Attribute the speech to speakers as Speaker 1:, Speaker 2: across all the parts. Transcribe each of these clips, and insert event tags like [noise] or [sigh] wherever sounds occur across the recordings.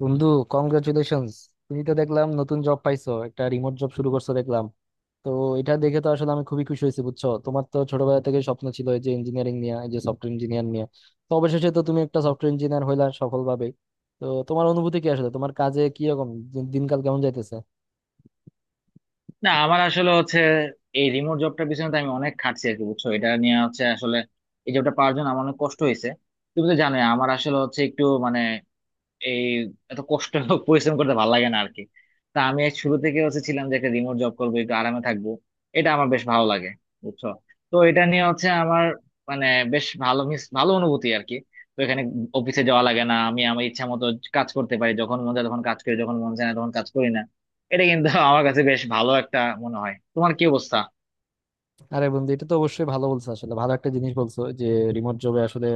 Speaker 1: বন্ধু, কংগ্রাচুলেশনস। তুমি তো দেখলাম নতুন জব পাইছো, একটা রিমোট জব শুরু করছো দেখলাম। তো এটা দেখে তো আসলে আমি খুবই খুশি হয়েছি, বুঝছো। তোমার তো ছোটবেলা থেকে স্বপ্ন ছিল এই যে ইঞ্জিনিয়ারিং নিয়ে, এই যে সফটওয়্যার ইঞ্জিনিয়ার নিয়ে। তো অবশেষে তো তুমি একটা সফটওয়্যার ইঞ্জিনিয়ার হইলা সফলভাবে। তো তোমার অনুভূতি কি আসলে, তোমার কাজে কি রকম, দিনকাল কেমন যাইতেছে?
Speaker 2: না আমার আসলে হচ্ছে এই রিমোট জবটার পিছনে তো আমি অনেক খাটছি আর কি বুঝছো। এটা নিয়ে হচ্ছে আসলে এই জবটা পাওয়ার জন্য আমার অনেক কষ্ট হয়েছে। তুমি তো জানোই আমার আসলে হচ্ছে একটু মানে এই এত কষ্ট পরিশ্রম করতে ভালো লাগে না আর কি। তা আমি এক শুরু থেকে হচ্ছে ছিলাম যে একটা রিমোট জব করবো একটু আরামে থাকবো। এটা আমার বেশ ভালো লাগে বুঝছো। তো এটা নিয়ে হচ্ছে আমার মানে বেশ ভালো মিস ভালো অনুভূতি আর কি। তো এখানে অফিসে যাওয়া লাগে না, আমি আমার ইচ্ছা মতো কাজ করতে পারি, যখন মন চায় তখন কাজ করি, যখন মন চায় না তখন কাজ করি না। এটা কিন্তু আমার কাছে বেশ ভালো একটা মনে হয়। তোমার কি অবস্থা?
Speaker 1: আরে বন্ধু, এটা তো অবশ্যই ভালো বলছো, আসলে ভালো একটা জিনিস বলছো যে রিমোট জবে আসলে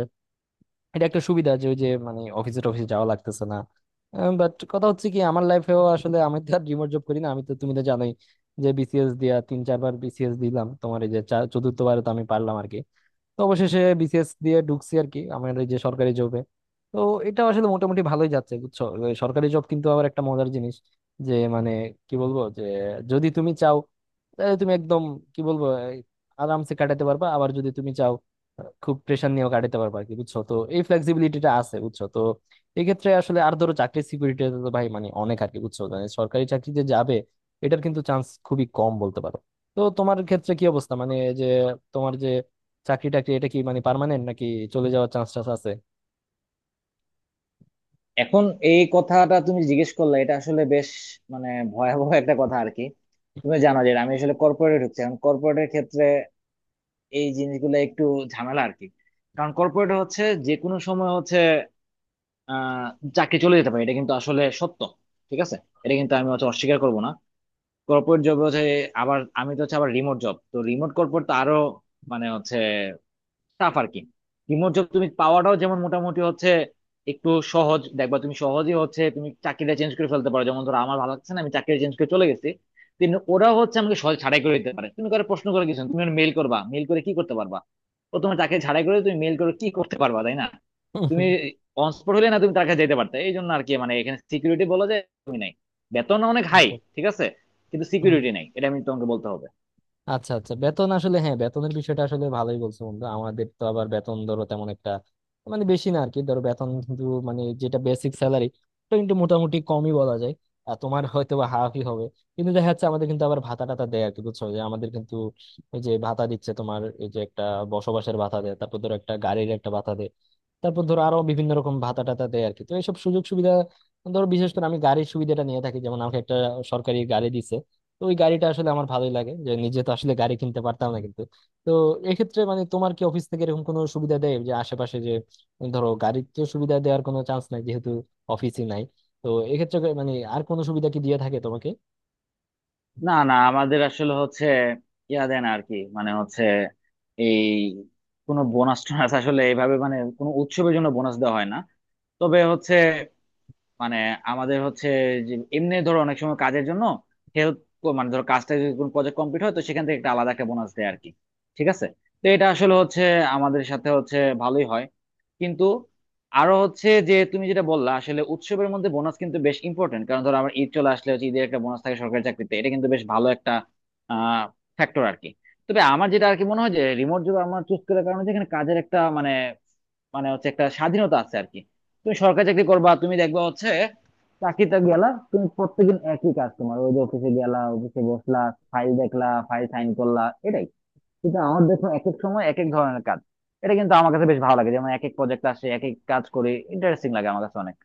Speaker 1: এটা একটা সুবিধা যে ওই যে মানে অফিসে টফিসে যাওয়া লাগতেছে না। বাট কথা হচ্ছে কি, আমার লাইফেও আসলে, আমি তো আর রিমোট জব করি না, আমি তো, তুমি তো জানোই যে বিসিএস দিয়া 3-4 বার বিসিএস দিলাম। তোমার এই যে চতুর্থবারে তো আমি পারলাম আর কি। তো অবশেষে বিসিএস দিয়ে ঢুকছি আর কি আমাদের যে সরকারি জবে। তো এটা আসলে মোটামুটি ভালোই যাচ্ছে, বুঝছো। সরকারি জব কিন্তু আবার একটা মজার জিনিস, যে মানে কি বলবো, যে যদি তুমি চাও তাহলে তুমি একদম, কি বলবো, এই, আরামসে কাটাতে পারবা। আবার যদি তুমি চাও, খুব প্রেশার নিয়েও কাটাতে পারবা আর কি, বুঝছো তো। এই ফ্লেক্সিবিলিটিটা আছে, বুঝছো তো, এক্ষেত্রে আসলে। আর ধরো চাকরির সিকিউরিটি তো ভাই মানে অনেক আর কি, বুঝছো, মানে সরকারি চাকরিতে যাবে, এটার কিন্তু চান্স খুবই কম বলতে পারো। তো তোমার ক্ষেত্রে কি অবস্থা, মানে যে তোমার যে চাকরি টাকরি এটা কি মানে পার্মানেন্ট, নাকি চলে যাওয়ার চান্স টান্স আছে?
Speaker 2: এখন এই কথাটা তুমি জিজ্ঞেস করলে, এটা আসলে বেশ মানে ভয়াবহ একটা কথা আর কি। তুমি জানো যে আমি আসলে কর্পোরেটে ঢুকছি। এখন কর্পোরেটের ক্ষেত্রে এই জিনিসগুলো একটু ঝামেলা আর কি। কারণ কর্পোরেটে হচ্ছে যে কোনো সময় হচ্ছে আহ চাকরি চলে যেতে পারে, এটা কিন্তু আসলে সত্য। ঠিক আছে, এটা কিন্তু আমি হচ্ছে অস্বীকার করবো না। কর্পোরেট জব হচ্ছে, আবার আমি তো হচ্ছে আবার রিমোট জব তো রিমোট কর্পোরেট তো আরো মানে হচ্ছে টাফ আর কি। রিমোট জব তুমি পাওয়াটাও যেমন মোটামুটি হচ্ছে একটু সহজ, দেখবা তুমি সহজেই হচ্ছে তুমি চাকরিটা চেঞ্জ করে ফেলতে পারো। যেমন ধরো আমার ভালো লাগছে না, আমি চাকরি চেঞ্জ করে চলে গেছি। কিন্তু ওরা হচ্ছে আমাকে সহজ ছাড়াই করে দিতে পারে, তুমি করে প্রশ্ন করে কিছু না, তুমি মেল করবা, মেল করে কি করতে পারবা? ও তোমার চাকরি ছাড়াই করে, তুমি মেল করে কি করতে পারবা, তাই না? তুমি অনস্পট হলে না তুমি টাকা যেতে পারতে, এই জন্য আর কি। মানে এখানে সিকিউরিটি বলা যায় তুমি নাই। বেতন অনেক হাই, ঠিক আছে, কিন্তু সিকিউরিটি
Speaker 1: [laughs]
Speaker 2: নাই, এটা আমি তোমাকে বলতে হবে।
Speaker 1: আচ্ছা আচ্ছা, বেতন আসলে হ্যাঁ, বেতনের বিষয়টা আসলে ভালোই বলছো বন্ধু। আমাদের তো আবার বেতন ধরো তেমন একটা, মানে বেশি না আর কি, ধরো বেতন কিন্তু মানে যেটা বেসিক স্যালারি ওটা কিন্তু মোটামুটি কমই বলা যায়, আর তোমার হয়তো বা হাফই হবে। কিন্তু দেখা যাচ্ছে আমাদের কিন্তু আবার ভাতা টাতা দেয় আর কি, বুঝছো। যে আমাদের কিন্তু এই যে ভাতা দিচ্ছে, তোমার এই যে একটা বসবাসের ভাতা দেয়, তারপর ধরো একটা গাড়ির একটা ভাতা দেয়, তারপর ধরো আরো বিভিন্ন রকম ভাতা টাতা দেয় আর কি। তো এইসব সুযোগ সুবিধা, ধরো বিশেষ করে আমি গাড়ির সুবিধাটা নিয়ে থাকি, যেমন আমাকে একটা সরকারি গাড়ি দিচ্ছে। তো ওই গাড়িটা আসলে আমার ভালোই লাগে, যে নিজে তো আসলে গাড়ি কিনতে পারতাম না, কিন্তু। তো এক্ষেত্রে মানে তোমার কি অফিস থেকে এরকম কোনো সুবিধা দেয় যে আশেপাশে যে, ধরো গাড়ির তো সুবিধা দেওয়ার কোনো চান্স নাই যেহেতু অফিসই নাই, তো এক্ষেত্রে মানে আর কোনো সুবিধা কি দিয়ে থাকে তোমাকে?
Speaker 2: না না, আমাদের আসলে হচ্ছে ইয়া দেন আর কি। মানে হচ্ছে এই কোনো বোনাস টোনাস আসলে এইভাবে মানে কোনো উৎসবের জন্য বোনাস দেওয়া হয় না। তবে হচ্ছে মানে আমাদের হচ্ছে যে এমনি ধরো অনেক সময় কাজের জন্য হেল্প মানে ধরো কাজটা যদি কোনো প্রজেক্ট কমপ্লিট হয় তো সেখান থেকে একটা আলাদা একটা বোনাস দেয় আর কি। ঠিক আছে, তো এটা আসলে হচ্ছে আমাদের সাথে হচ্ছে ভালোই হয়। কিন্তু আরো হচ্ছে, যে তুমি যেটা বললা আসলে উৎসবের মধ্যে বোনাস কিন্তু বেশ ইম্পর্টেন্ট। কারণ ধরো আমার ঈদ চলে আসলে হচ্ছে ঈদের একটা বোনাস থাকে সরকারি চাকরিতে, এটা কিন্তু বেশ ভালো একটা আহ ফ্যাক্টর আর কি। তবে আমার যেটা আর কি মনে হয় যে রিমোট জব আমার চুজ করার কারণে হচ্ছে এখানে কাজের একটা মানে মানে হচ্ছে একটা স্বাধীনতা আছে আর কি। তুমি সরকারি চাকরি করবা, তুমি দেখবা হচ্ছে চাকরিতে গেলা, তুমি প্রত্যেকদিন একই কাজ, তোমার ওই যে অফিসে গেলা, অফিসে বসলা, ফাইল দেখলা, ফাইল সাইন করলা, এটাই। কিন্তু আমার দেখুন এক এক সময় এক এক ধরনের কাজ। এটা কিন্তু আমার কাছে বেশ ভালো লাগে, যেমন এক এক প্রজেক্ট আসে, এক এক কাজ করে ইন্টারেস্টিং লাগে আমার কাছে অনেক।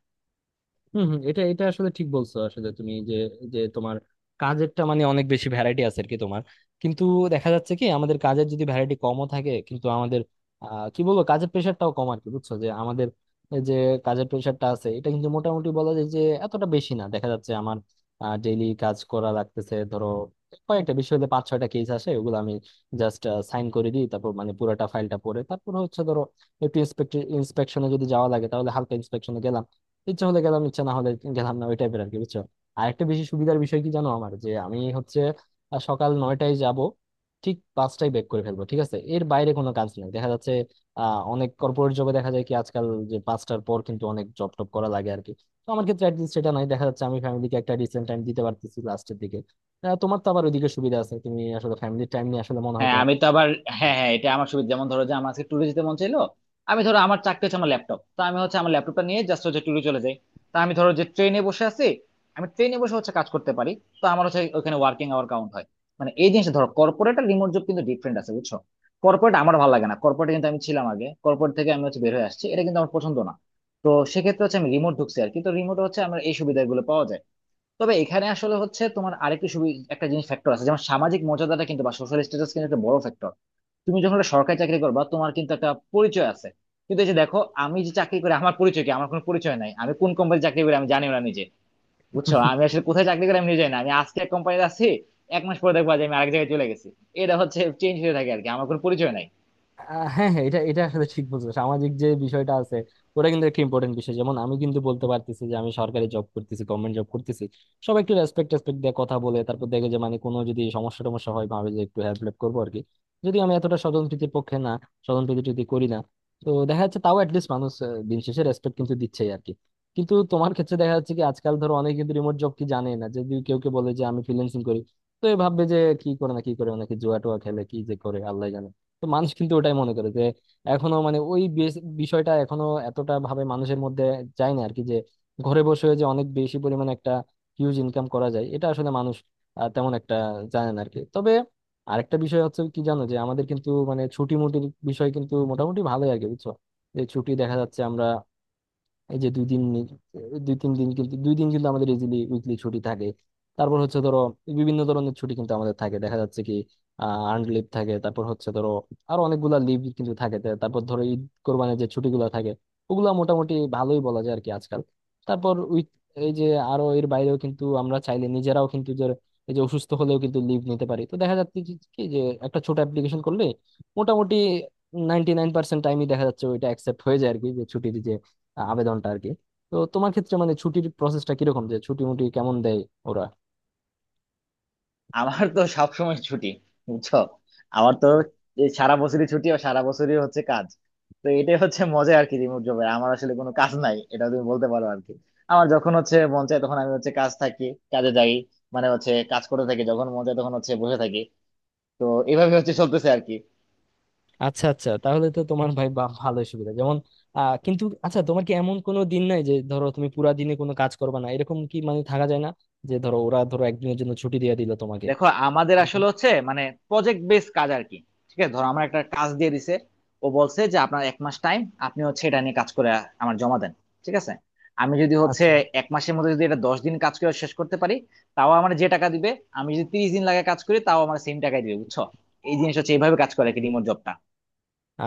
Speaker 1: হম হম, এটা এটা আসলে ঠিক বলছো। আসলে তুমি যে, যে তোমার কাজেরটা মানে অনেক বেশি ভ্যারাইটি আছে আর কি তোমার। কিন্তু দেখা যাচ্ছে কি আমাদের কাজের যদি ভ্যারাইটি কমও থাকে, কিন্তু আমাদের কি বলবো, কাজের প্রেশারটাও কম আর কি, বুঝছো। যে আমাদের এই যে কাজের প্রেশারটা আছে, এটা কিন্তু মোটামুটি বলা যায় যে এতটা বেশি না। দেখা যাচ্ছে আমার ডেইলি কাজ করা লাগতেছে, ধরো কয়েকটা বিষয় হলে 5-6টা কেস আসে, ওগুলো আমি জাস্ট সাইন করে দিই। তারপর মানে পুরোটা ফাইলটা পড়ে, তারপর হচ্ছে ধরো একটু ইন্সপেক্ট, ইন্সপেকশনে যদি যাওয়া লাগে তাহলে হালকা, ইচ্ছা হলে গেলাম ইচ্ছা না হলে গেলাম না, ওই টাইপের আর কি, বুঝছো। আর একটা বেশি সুবিধার বিষয় কি জানো আমার, যে আমি হচ্ছে সকাল 9টায় যাব, ঠিক 5টায় ব্রেক করে ফেলবো, ঠিক আছে, এর বাইরে কোনো কাজ নেই দেখা যাচ্ছে। অনেক কর্পোরেট জবে দেখা যায় কি আজকাল, যে 5টার পর কিন্তু অনেক জব টপ করা লাগে আর কি। তো আমার ক্ষেত্রে অ্যাটলিস্ট সেটা নাই দেখা যাচ্ছে, আমি ফ্যামিলিকে একটা ডিসেন্ট টাইম দিতে পারতেছি লাস্টের দিকে। তোমার তো আবার ওইদিকে সুবিধা আছে, তুমি আসলে ফ্যামিলির টাইম নিয়ে আসলে মনে হয়
Speaker 2: হ্যাঁ
Speaker 1: তোমার।
Speaker 2: আমি তো আবার, হ্যাঁ হ্যাঁ এটা আমার সুবিধা। যেমন ধরো যে আমার আজকে ট্যুরে যেতে মন চাইলো, আমি ধরো আমার চাকরি হচ্ছে আমার ল্যাপটপ তো আমি হচ্ছে আমার ল্যাপটপটা নিয়ে জাস্ট হচ্ছে ট্যুরে চলে যাই। তা আমি ধরো যে ট্রেনে বসে আছি, আমি ট্রেনে বসে হচ্ছে কাজ করতে পারি, তো আমার হচ্ছে ওখানে ওয়ার্কিং আওয়ার কাউন্ট হয়। মানে এই জিনিসটা ধরো কর্পোরেট আর রিমোট জব কিন্তু ডিফারেন্ট আছে, বুঝছো। কর্পোরেট আমার ভালো লাগে না, কর্পোরেট কিন্তু আমি ছিলাম আগে, কর্পোরেট থেকে আমি হচ্ছে বের হয়ে আসছি, এটা কিন্তু আমার পছন্দ না। তো সেক্ষেত্রে হচ্ছে আমি রিমোট ঢুকছি আর কি, তো রিমোট হচ্ছে আমার এই সুবিধাগুলো পাওয়া যায়। তবে এখানে আসলে হচ্ছে তোমার আরেকটা একটা জিনিস ফ্যাক্টর আছে, যেমন সামাজিক মর্যাদাটা কিন্তু বা সোশ্যাল স্ট্যাটাস কিন্তু একটা বড় ফ্যাক্টর। তুমি যখন একটা সরকারি চাকরি করবা তোমার কিন্তু একটা পরিচয় আছে। কিন্তু এই যে দেখো আমি যে চাকরি করি আমার পরিচয় কি? আমার কোনো পরিচয় নাই, আমি কোন কোম্পানি চাকরি করি আমি জানি না নিজে। বুঝছো, আমি আসলে কোথায় চাকরি করি আমি নিজে জানি না। আমি আজকে এক কোম্পানিতে আছি, 1 মাস পরে দেখবো যে আমি আরেক জায়গায় চলে গেছি। এটা হচ্ছে চেঞ্জ হয়ে থাকে আর কি, আমার কোনো পরিচয় নাই।
Speaker 1: হ্যাঁ হ্যাঁ, এটা এটা আসলে ঠিক বলছো, সামাজিক যে বিষয়টা আছে ওটা কিন্তু একটা ইম্পর্টেন্ট বিষয়। যেমন আমি কিন্তু বলতে পারতেছি যে আমি সরকারি জব করতেছি, গভর্নমেন্ট জব করতেছি, সবাই একটু রেসপেক্ট রেসপেক্ট দিয়ে কথা বলে। তারপর দেখে যে মানে কোনো যদি সমস্যা টমস্যা হয় ভাবে যে একটু হেল্প হেল্প করবো আর কি। যদি আমি এতটা স্বজনপ্রীতির পক্ষে না, স্বজনপ্রীতি যদি করি না, তো দেখা যাচ্ছে তাও অ্যাটলিস্ট মানুষ দিন শেষে রেসপেক্ট কিন্তু দিচ্ছেই আর কি। কিন্তু তোমার ক্ষেত্রে দেখা যাচ্ছে কি, আজকাল ধরো অনেকে কিন্তু রিমোট জব কি জানে না। যদি কেউ কে বলে যে আমি ফ্রিল্যান্সিং করি, তো এ ভাববে যে কি করে, না কি করে, নাকি জুয়া টুয়া খেলে, কি যে করে আল্লাহ জানে। তো মানুষ কিন্তু ওটাই মনে করে, যে এখনো মানে ওই বিষয়টা এখনো এতটা ভাবে মানুষের মধ্যে যায় না আর কি। যে ঘরে বসে যে অনেক বেশি পরিমাণে একটা হিউজ ইনকাম করা যায়, এটা আসলে মানুষ তেমন একটা জানে না আর কি। তবে আরেকটা বিষয় হচ্ছে কি জানো, যে আমাদের কিন্তু মানে ছুটি মুটির বিষয় কিন্তু মোটামুটি ভালোই আর কি, বুঝছো। যে ছুটি দেখা যাচ্ছে আমরা এই যে 2-3 দিন, কিন্তু 2 দিন কিন্তু আমাদের ইজিলি উইকলি ছুটি থাকে। তারপর হচ্ছে ধরো বিভিন্ন ধরনের ছুটি কিন্তু আমাদের থাকে, দেখা যাচ্ছে কি আর্নড লিভ থাকে, তারপর হচ্ছে ধরো আরো অনেকগুলা লিভ কিন্তু থাকে। তারপর ধরো ঈদ কোরবানির যে ছুটিগুলো থাকে, ওগুলা মোটামুটি ভালোই বলা যায় আর কি আজকাল। তারপর উইক, এই যে আরো এর বাইরেও কিন্তু আমরা চাইলে নিজেরাও কিন্তু যে এই যে অসুস্থ হলেও কিন্তু লিভ নিতে পারি। তো দেখা যাচ্ছে কি, কি যে একটা ছোট অ্যাপ্লিকেশন করলে মোটামুটি 99% টাইমই দেখা যাচ্ছে ওইটা অ্যাকসেপ্ট হয়ে যায় আর কি, যে ছুটির আবেদনটা আর কি। তো তোমার ক্ষেত্রে মানে ছুটির প্রসেসটা কিরকম, যে ছুটি মুটি কেমন দেয় ওরা?
Speaker 2: আমার তো সবসময় ছুটি, বুঝছো। আমার তো এই সারা বছরই ছুটি আর সারা বছরই হচ্ছে কাজ। তো এটাই হচ্ছে মজা আর কি, রিমোট জবে আমার আসলে কোনো কাজ নাই, এটা তুমি বলতে পারো আর কি। আমার যখন হচ্ছে মন চায় তখন আমি হচ্ছে কাজ থাকি, কাজে যাই, মানে হচ্ছে কাজ করতে থাকি, যখন মন চায় তখন হচ্ছে বসে থাকি। তো এইভাবে হচ্ছে চলতেছে আর কি।
Speaker 1: আচ্ছা আচ্ছা, তাহলে তো তোমার ভাই বা ভালোই সুবিধা যেমন। কিন্তু আচ্ছা, তোমার কি এমন কোনো দিন নাই যে ধরো তুমি পুরা দিনে কোনো কাজ করবে না, এরকম কি মানে থাকা যায় না, যে ধরো ওরা ধরো একদিনের জন্য ছুটি দিয়ে দিল তোমাকে
Speaker 2: দেখো আমাদের
Speaker 1: এরকম?
Speaker 2: আসলে হচ্ছে মানে প্রজেক্ট বেস কাজ আর কি। ঠিক আছে, ধরো আমার একটা কাজ দিয়ে দিছে, ও বলছে যে আপনার 1 মাস টাইম, আপনি হচ্ছে এটা নিয়ে কাজ করে আমার জমা দেন। ঠিক আছে, আমি যদি হচ্ছে
Speaker 1: আচ্ছা।
Speaker 2: 1 মাসের মধ্যে যদি এটা 10 দিন কাজ করে শেষ করতে পারি তাও আমার যে টাকা দিবে, আমি যদি 30 দিন লাগে কাজ করি তাও আমার সেম টাকাই দিবে, বুঝছো। এই জিনিস হচ্ছে এইভাবে কাজ করে আর কি রিমোট জবটা।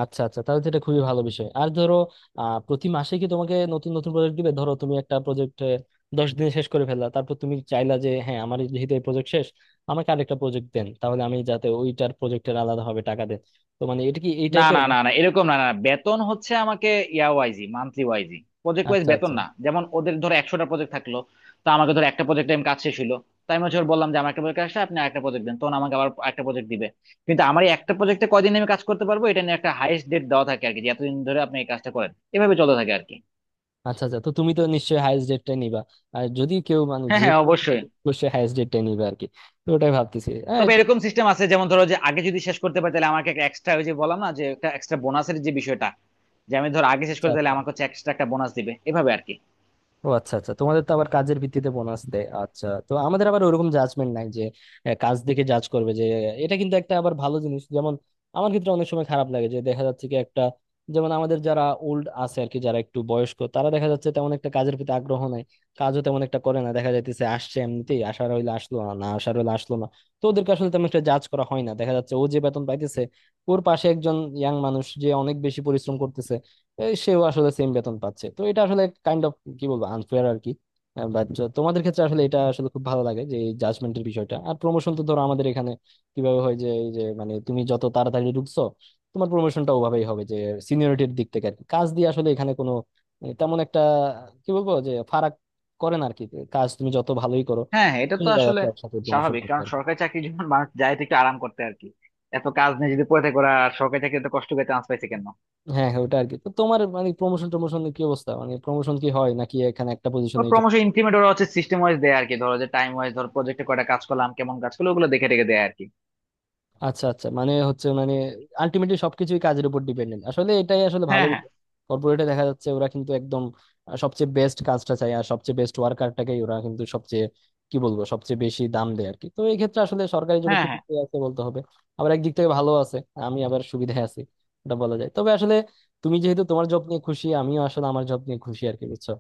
Speaker 1: আচ্ছা আচ্ছা, তাহলে তো এটা খুবই ভালো বিষয়। আর ধরো প্রতি মাসে কি তোমাকে নতুন নতুন প্রজেক্ট দিবে? ধরো তুমি একটা প্রজেক্ট 10 দিনে শেষ করে ফেললা, তারপর তুমি চাইলা যে হ্যাঁ আমার যেহেতু এই প্রজেক্ট শেষ, আমাকে আরেকটা প্রজেক্ট দেন, তাহলে আমি যাতে ওইটার প্রজেক্টের আলাদাভাবে টাকা দেন। তো মানে এটা কি এই
Speaker 2: না
Speaker 1: টাইপের?
Speaker 2: না না না, এরকম না, না না। বেতন হচ্ছে আমাকে year wise monthly wise, project wise
Speaker 1: আচ্ছা
Speaker 2: বেতন
Speaker 1: আচ্ছা।
Speaker 2: না। যেমন ওদের ধরো 100টা প্রজেক্ট থাকলো, তো আমাকে ধরো একটা প্রজেক্ট টাইম কাজ শেষ হলো, তাই আমি হচ্ছে ওর বললাম যে আমার একটা প্রজেক্ট আসলে আপনি একটা প্রজেক্ট দেন, তখন আমাকে আবার একটা প্রজেক্ট দিবে। কিন্তু আমার এই একটা প্রজেক্টে কয়দিন আমি কাজ করতে পারবো এটা নিয়ে একটা হাইয়েস্ট ডেট দেওয়া থাকে আর কি, যে এতদিন ধরে আপনি এই কাজটা করেন, এভাবে চলতে থাকে আর কি।
Speaker 1: আচ্ছা আচ্ছা, তো তুমি তো নিশ্চয়ই হায়েস্ট ডেটটাই নিবা, আর যদি কেউ মানে
Speaker 2: হ্যাঁ
Speaker 1: যে
Speaker 2: হ্যাঁ
Speaker 1: কোনো,
Speaker 2: অবশ্যই।
Speaker 1: অবশ্যই হায়েস্ট ডেটটাই নিবে আর কি। তো ওটাই ভাবতেছি, হ্যাঁ
Speaker 2: তবে
Speaker 1: এটা।
Speaker 2: এরকম সিস্টেম আছে, যেমন ধরো যে আগে যদি শেষ করতে পারি তাহলে আমাকে একটা এক্সট্রা ওই যে বললাম না যে একটা এক্সট্রা বোনাসের যে বিষয়টা, যে আমি ধরো আগে শেষ
Speaker 1: আচ্ছা
Speaker 2: করতে তাহলে
Speaker 1: আচ্ছা,
Speaker 2: আমাকে হচ্ছে এক্সট্রা একটা বোনাস দিবে এভাবে আর কি।
Speaker 1: ও আচ্ছা আচ্ছা, তোমাদের তো আবার কাজের ভিত্তিতে বোনাস দেয়। আচ্ছা, তো আমাদের আবার ওরকম জাজমেন্ট নাই যে কাজ দেখে জাজ করবে, যে এটা কিন্তু একটা আবার ভালো জিনিস। যেমন আমার ক্ষেত্রে অনেক সময় খারাপ লাগে, যে দেখা যাচ্ছে কি একটা, যেমন আমাদের যারা ওল্ড আছে আর কি, যারা একটু বয়স্ক, তারা দেখা যাচ্ছে তেমন একটা কাজের প্রতি আগ্রহ নাই, কাজও তেমন একটা করে না। দেখা যাইতেছে আসছে এমনিতেই, আসার হইলে আসলো, না না আসার হইলে আসলো না। তো ওদেরকে আসলে তেমন একটা জাজ করা হয় না, দেখা যাচ্ছে ও যে বেতন পাইতেছে, ওর পাশে একজন ইয়াং মানুষ যে অনেক বেশি পরিশ্রম করতেছে, এই সেও আসলে সেম বেতন পাচ্ছে। তো এটা আসলে কাইন্ড অফ, কি বলবো, আনফেয়ার আর কি। বাট তোমাদের ক্ষেত্রে আসলে এটা আসলে খুব ভালো লাগে, যে এই জাজমেন্টের বিষয়টা। আর প্রমোশন তো ধরো আমাদের এখানে কিভাবে হয়, যে এই যে মানে তুমি যত তাড়াতাড়ি ঢুকছো তোমার প্রমোশনটা ওভাবেই হবে, যে সিনিয়রিটির দিক থেকে আর কি। কাজ দিয়ে আসলে এখানে কোনো তেমন একটা, কি বলবো, যে ফারাক করে না আর কি। কাজ তুমি যত ভালোই করো
Speaker 2: হ্যাঁ হ্যাঁ, এটা তো
Speaker 1: চলে যায় আর
Speaker 2: আসলে
Speaker 1: কি একসাথে প্রমোশন
Speaker 2: স্বাভাবিক,
Speaker 1: করতে
Speaker 2: কারণ
Speaker 1: আর কি।
Speaker 2: সরকারি চাকরি যখন মানুষ যায় তো একটু আরাম করতে আর কি। এত কাজ নিয়ে যদি পড়ে থাকে ওরা, আর সরকারি চাকরি এত কষ্ট করে চান্স পাইছে কেন?
Speaker 1: হ্যাঁ হ্যাঁ, ওটা আর কি। তো তোমার মানে প্রমোশন টমোশন কি অবস্থা, মানে প্রমোশন কি হয় নাকি এখানে একটা
Speaker 2: ও,
Speaker 1: পজিশনে?
Speaker 2: প্রমোশন ইনক্রিমেন্ট ওরা হচ্ছে সিস্টেম ওয়াইজ দেয় আর কি, ধরো যে টাইম ওয়াইজ, ধরো প্রজেক্টে কয়টা কাজ করলাম, কেমন কাজ করলো, ওগুলো দেখে রেখে দেয় আর কি।
Speaker 1: আচ্ছা আচ্ছা, মানে হচ্ছে মানে আলটিমেটলি সবকিছুই কাজের উপর ডিপেন্ডেন্ট আসলে, এটাই আসলে ভালো
Speaker 2: হ্যাঁ হ্যাঁ।
Speaker 1: বিষয়। কর্পোরেটে দেখা যাচ্ছে ওরা কিন্তু একদম সবচেয়ে বেস্ট কাজটা চায়, আর সবচেয়ে বেস্ট ওয়ার্কারটাকেই ওরা কিন্তু সবচেয়ে, কি বলবো, সবচেয়ে বেশি দাম দেয় আর কি। তো এই ক্ষেত্রে আসলে সরকারি জব
Speaker 2: হ্যাঁ
Speaker 1: একটু
Speaker 2: হ্যাঁ
Speaker 1: পিছিয়ে আছে বলতে হবে। আবার একদিক থেকে ভালো আছে, আমি আবার সুবিধায় আছি এটা বলা যায়। তবে আসলে তুমি যেহেতু তোমার জব নিয়ে খুশি, আমিও আসলে আমার জব নিয়ে খুশি আর কি, বুঝছো।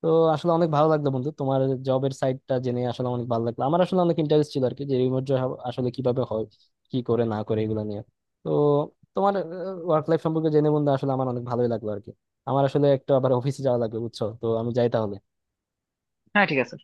Speaker 1: তো আসলে অনেক ভালো লাগলো বন্ধু তোমার জবের সাইডটা জেনে, আসলে অনেক ভালো লাগলো। আমার আসলে অনেক ইন্টারেস্ট ছিল আর কি, যে রিমোট জব আসলে কিভাবে হয়, কি করে না করে, এগুলো নিয়ে। তো তোমার ওয়ার্ক লাইফ সম্পর্কে জেনে বন্ধু আসলে আমার অনেক ভালোই লাগলো আর কি। আমার আসলে একটা আবার অফিসে যাওয়া লাগবে, বুঝছো তো, আমি যাই তাহলে।
Speaker 2: হ্যাঁ, ঠিক আছে।